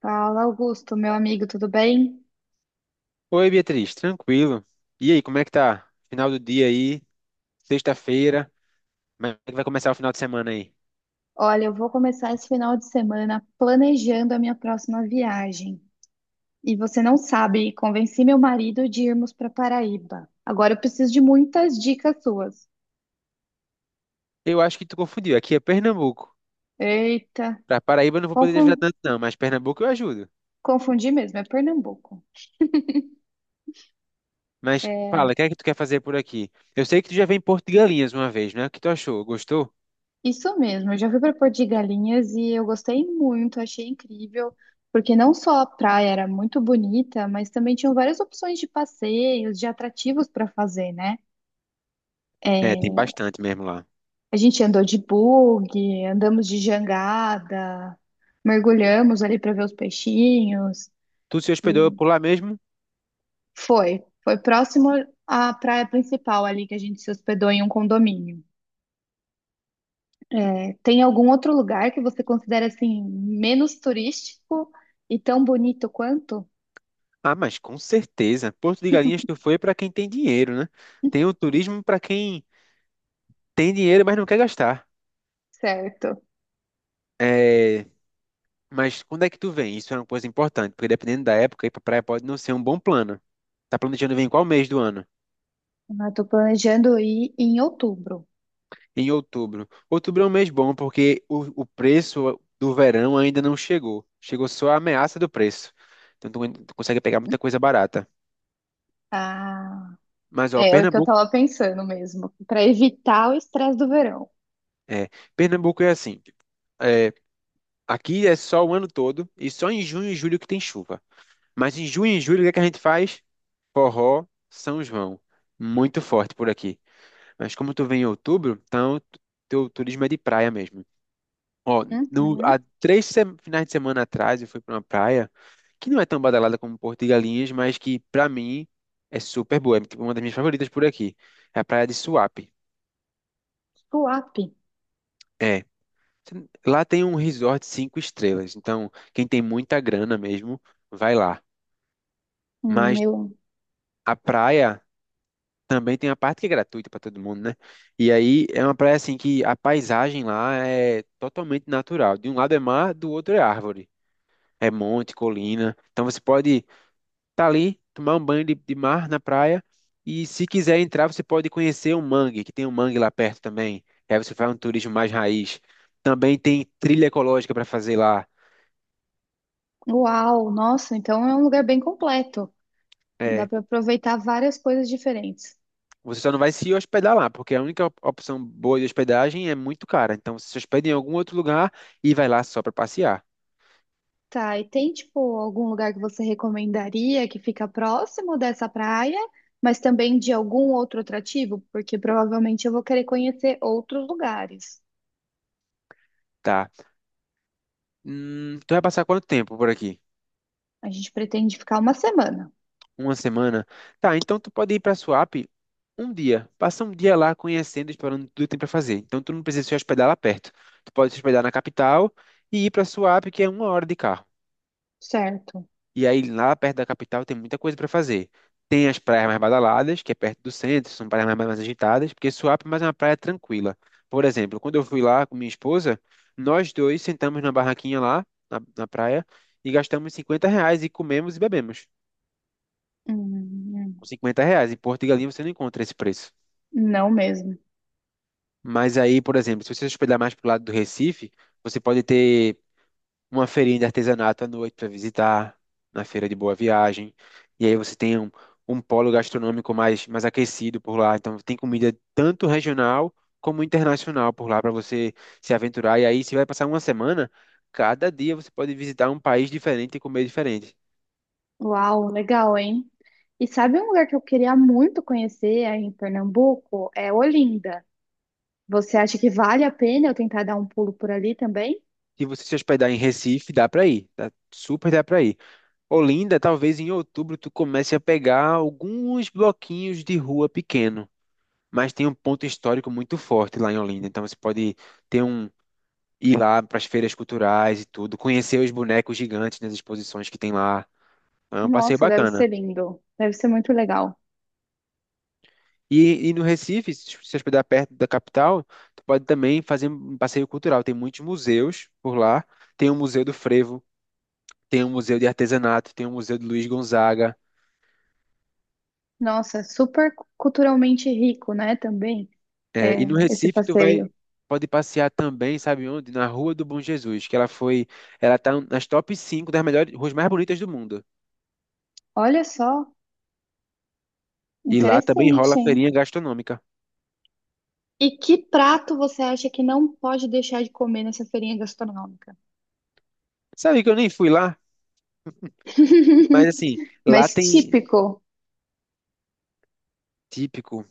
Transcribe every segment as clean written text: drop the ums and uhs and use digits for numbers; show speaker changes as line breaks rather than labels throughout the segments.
Fala, Augusto, meu amigo, tudo bem?
Oi, Beatriz, tranquilo. E aí, como é que tá? Final do dia aí, sexta-feira, mas como é que vai começar o final de semana aí.
Olha, eu vou começar esse final de semana planejando a minha próxima viagem. E você não sabe, convenci meu marido de irmos para Paraíba. Agora eu preciso de muitas dicas suas.
Eu acho que tu confundiu, aqui é Pernambuco.
Eita,
Pra Paraíba eu não vou poder te ajudar
confun-
tanto não, mas Pernambuco eu ajudo.
confundi mesmo, é Pernambuco.
Mas fala,
É,
o que é que tu quer fazer por aqui? Eu sei que tu já veio em Porto de Galinhas uma vez, né? O que tu achou? Gostou?
isso mesmo, eu já fui para Porto de Galinhas e eu gostei muito, achei incrível, porque não só a praia era muito bonita, mas também tinham várias opções de passeios, de atrativos para fazer, né?
É, tem bastante mesmo lá.
A gente andou de bug, andamos de jangada, mergulhamos ali para ver os peixinhos.
Tu se hospedou
E
por lá mesmo?
foi próximo à praia principal ali que a gente se hospedou em um condomínio. É, tem algum outro lugar que você considera assim menos turístico e tão bonito quanto?
Ah, mas com certeza. Porto de Galinhas tu foi pra quem tem dinheiro, né? Tem o turismo pra quem tem dinheiro, mas não quer gastar.
Certo.
É. Mas quando é que tu vem? Isso é uma coisa importante, porque dependendo da época, ir pra praia pode não ser um bom plano. Tá planejando vir em qual mês do ano?
Eu tô planejando ir em outubro.
Em outubro. Outubro é um mês bom porque o preço do verão ainda não chegou. Chegou só a ameaça do preço. Então tu consegue pegar muita coisa barata.
Ah,
Mas ó,
é o que eu
Pernambuco
tava pensando mesmo, para evitar o estresse do verão.
é, Pernambuco é assim. É, aqui é só o ano todo e só em junho e julho que tem chuva. Mas em junho e julho o que é que a gente faz? Forró, São João. Muito forte por aqui. Mas como tu vem em outubro, então teu turismo é de praia mesmo. Ó, no,
Uhum.
há 3 finais de semana atrás eu fui para uma praia que não é tão badalada como Porto de Galinhas, mas que pra mim é super boa. É tipo, uma das minhas favoritas por aqui. É a praia de Suape.
Suape.
É. Lá tem um resort 5 estrelas. Então, quem tem muita grana mesmo, vai lá. Mas
Eu
a praia também tem a parte que é gratuita para todo mundo, né? E aí é uma praia assim que a paisagem lá é totalmente natural. De um lado é mar, do outro é árvore. É monte, colina. Então você pode estar ali, tomar um banho de mar na praia. E se quiser entrar, você pode conhecer o mangue, que tem um mangue lá perto também. E aí você faz um turismo mais raiz. Também tem trilha ecológica para fazer lá.
uau, nossa, então é um lugar bem completo. Dá
É,
para aproveitar várias coisas diferentes.
você só não vai se hospedar lá, porque a única opção boa de hospedagem é muito cara. Então você se hospeda em algum outro lugar e vai lá só para passear.
Tá, e tem tipo algum lugar que você recomendaria que fica próximo dessa praia, mas também de algum outro atrativo? Porque provavelmente eu vou querer conhecer outros lugares.
Tá. Tu vai passar quanto tempo por aqui?
A gente pretende ficar uma semana,
Uma semana? Tá, então tu pode ir pra Suape um dia. Passa um dia lá conhecendo, explorando tudo que tem pra fazer. Então tu não precisa se hospedar lá perto. Tu pode se hospedar na capital e ir pra Suape, que é 1 hora de carro.
certo?
E aí, lá perto da capital, tem muita coisa para fazer. Tem as praias mais badaladas, que é perto do centro, são praias mais agitadas, porque Suape é mais uma praia tranquila. Por exemplo, quando eu fui lá com minha esposa, nós dois sentamos na barraquinha lá, na praia, e gastamos R$ 50 e comemos e bebemos.
Hum,
Com 50 reais. Em Porto de Galinhas você não encontra esse preço.
não mesmo.
Mas aí, por exemplo, se você se hospedar mais pro lado do Recife, você pode ter uma feirinha de artesanato à noite para visitar, na Feira de Boa Viagem. E aí você tem um polo gastronômico mais aquecido por lá. Então tem comida tanto regional como internacional por lá para você se aventurar. E aí você vai passar uma semana, cada dia você pode visitar um país diferente e comer diferente.
Uau, legal, hein? E sabe um lugar que eu queria muito conhecer aí em Pernambuco? É Olinda. Você acha que vale a pena eu tentar dar um pulo por ali também?
Se você se hospedar em Recife, dá para ir, tá? Super dá para ir. Olinda, talvez em outubro tu comece a pegar alguns bloquinhos de rua pequenos, mas tem um ponto histórico muito forte lá em Olinda. Então você pode ter um ir lá para as feiras culturais e tudo, conhecer os bonecos gigantes nas exposições que tem lá. É um passeio
Nossa, deve
bacana.
ser lindo. Deve ser muito legal.
E no Recife, se se hospedar perto da capital, tu pode também fazer um passeio cultural. Tem muitos museus por lá. Tem o Museu do Frevo, tem o Museu de Artesanato, tem o Museu de Luiz Gonzaga.
Nossa, super culturalmente rico, né, também,
É,
é,
e no
esse
Recife tu vai
passeio.
pode passear também, sabe onde? Na Rua do Bom Jesus, que ela tá nas top 5 das melhores ruas mais bonitas do mundo.
Olha só,
E lá também rola
interessante,
feirinha
hein?
gastronômica.
E que prato você acha que não pode deixar de comer nessa feirinha gastronômica?
Sabe que eu nem fui lá, mas assim, lá
Mas
tem
típico,
típico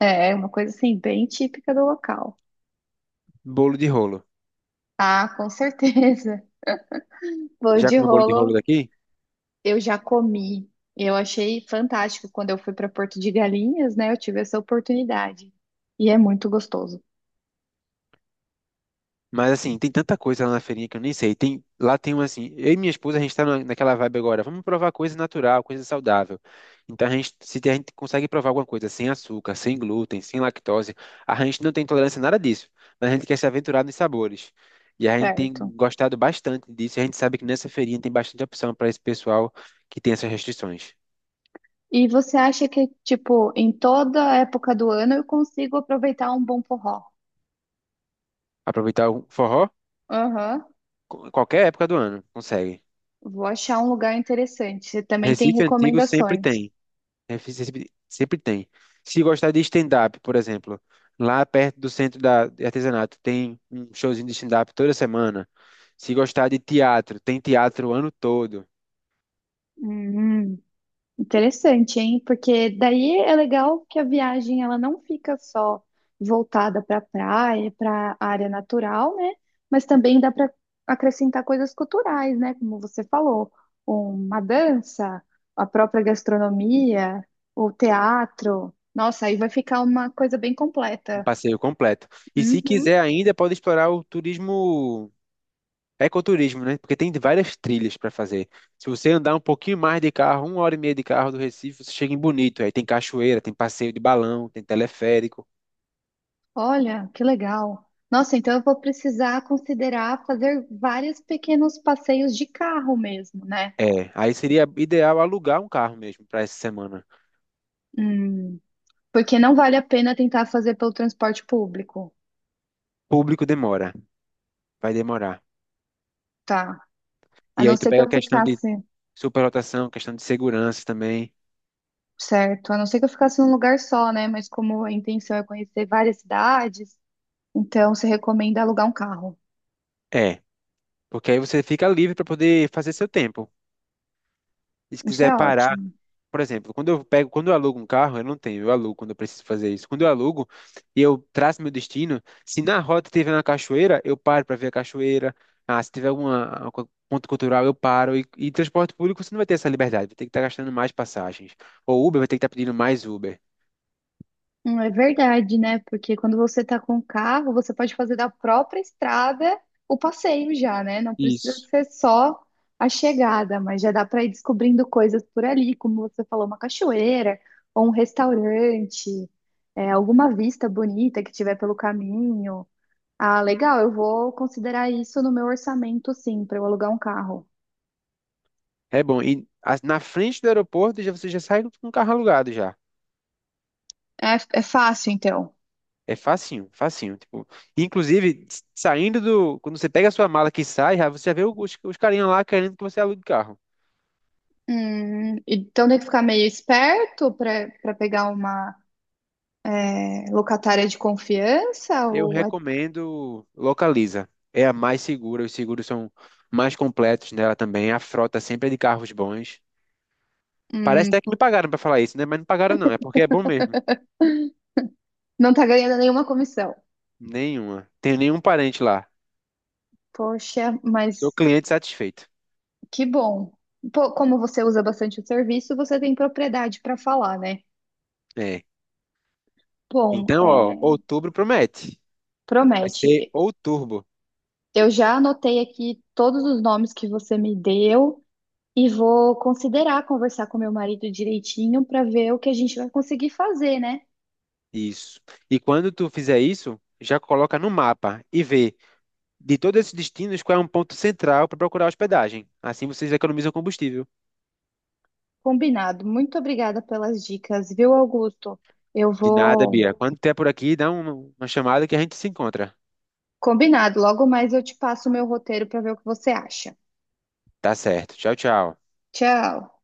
é, é uma coisa assim, bem típica do local.
bolo de rolo.
Ah, com certeza. Bolo
Já
de
comeu bolo de
rolo.
rolo daqui?
Eu já comi. Eu achei fantástico quando eu fui para Porto de Galinhas, né? Eu tive essa oportunidade. E é muito gostoso,
Mas assim, tem tanta coisa lá na feirinha que eu nem sei. Lá tem um assim, eu e minha esposa, a gente tá naquela vibe agora, vamos provar coisa natural, coisa saudável. Então se a gente consegue provar alguma coisa sem açúcar, sem glúten, sem lactose, a gente não tem tolerância a nada disso, mas a gente quer se aventurar nos sabores. E a gente tem
certo?
gostado bastante disso, e a gente sabe que nessa feirinha tem bastante opção para esse pessoal que tem essas restrições.
E você acha que, tipo, em toda época do ano eu consigo aproveitar um bom forró?
Aproveitar o forró,
Aham.
qualquer época do ano, consegue.
Vou achar um lugar interessante. Você também tem
Recife Antigo sempre
recomendações.
tem. Né? Sempre, sempre tem. Se gostar de stand-up, por exemplo, lá perto do centro de artesanato, tem um showzinho de stand-up toda semana. Se gostar de teatro, tem teatro o ano todo,
Hum. Interessante, hein? Porque daí é legal que a viagem ela não fica só voltada para praia, para área natural, né? Mas também dá para acrescentar coisas culturais, né? Como você falou, uma dança, a própria gastronomia, o teatro. Nossa, aí vai ficar uma coisa bem
um
completa.
passeio completo. E se
Uhum.
quiser ainda, pode explorar o turismo, ecoturismo, né? Porque tem várias trilhas para fazer. Se você andar um pouquinho mais de carro, 1 hora e meia de carro do Recife, você chega em Bonito. Aí tem cachoeira, tem passeio de balão, tem teleférico.
Olha, que legal. Nossa, então eu vou precisar considerar fazer vários pequenos passeios de carro mesmo, né?
É, aí seria ideal alugar um carro mesmo para essa semana.
Hum. Porque não vale a pena tentar fazer pelo transporte público,
Público demora. Vai demorar.
tá? A
E aí
não
tu
ser que
pega a
eu
questão de
ficasse,
superlotação, questão de segurança também.
certo? A não ser que eu ficasse num lugar só, né? Mas como a intenção é conhecer várias cidades, então se recomenda alugar um carro.
É, porque aí você fica livre para poder fazer seu tempo. E se
Isso
quiser
é
parar,
ótimo.
por exemplo, quando eu alugo um carro, eu não tenho, eu alugo quando eu preciso fazer isso. Quando eu alugo e eu traço meu destino, se na rota tiver uma cachoeira, eu paro para ver a cachoeira. Ah, se tiver algum ponto cultural, eu paro. E transporte público, você não vai ter essa liberdade, vai ter que estar gastando mais passagens. Ou Uber vai ter que estar pedindo mais Uber.
É verdade, né? Porque quando você tá com o carro, você pode fazer da própria estrada o passeio já, né? Não precisa
Isso.
ser só a chegada, mas já dá para ir descobrindo coisas por ali, como você falou, uma cachoeira ou um restaurante, é, alguma vista bonita que tiver pelo caminho. Ah, legal, eu vou considerar isso no meu orçamento, sim, para eu alugar um carro.
É bom. E na frente do aeroporto já, você já sai com o carro alugado já.
É, é fácil, então.
É facinho, facinho. Tipo, inclusive, saindo do. Quando você pega a sua mala que sai, você já vê os carinhas lá querendo que você alugue o carro.
Então tem que ficar meio esperto para pegar uma locatária de confiança
Eu
ou é-
recomendo Localiza. É a mais segura, os seguros são mais completos nela também. A frota sempre é de carros bons. Parece
hum,
até que me pagaram pra falar isso, né? Mas não pagaram não, é porque é bom mesmo.
não tá ganhando nenhuma comissão?
Nenhuma. Tenho nenhum parente lá.
Poxa,
Sou
mas
cliente satisfeito.
que bom. Pô, como você usa bastante o serviço, você tem propriedade para falar, né?
É.
Bom,
Então, ó,
é,
outubro promete. Vai ser
promete.
ou turbo.
Eu já anotei aqui todos os nomes que você me deu e vou considerar conversar com meu marido direitinho para ver o que a gente vai conseguir fazer, né?
Isso. E quando tu fizer isso, já coloca no mapa e vê de todos esses destinos qual é um ponto central para procurar hospedagem. Assim vocês economizam combustível.
Combinado. Muito obrigada pelas dicas, viu, Augusto? Eu
De nada,
vou
Bia. Quando tiver por aqui, dá uma chamada que a gente se encontra.
combinado, logo mais eu te passo o meu roteiro para ver o que você acha.
Tá certo. Tchau, tchau.
Tchau.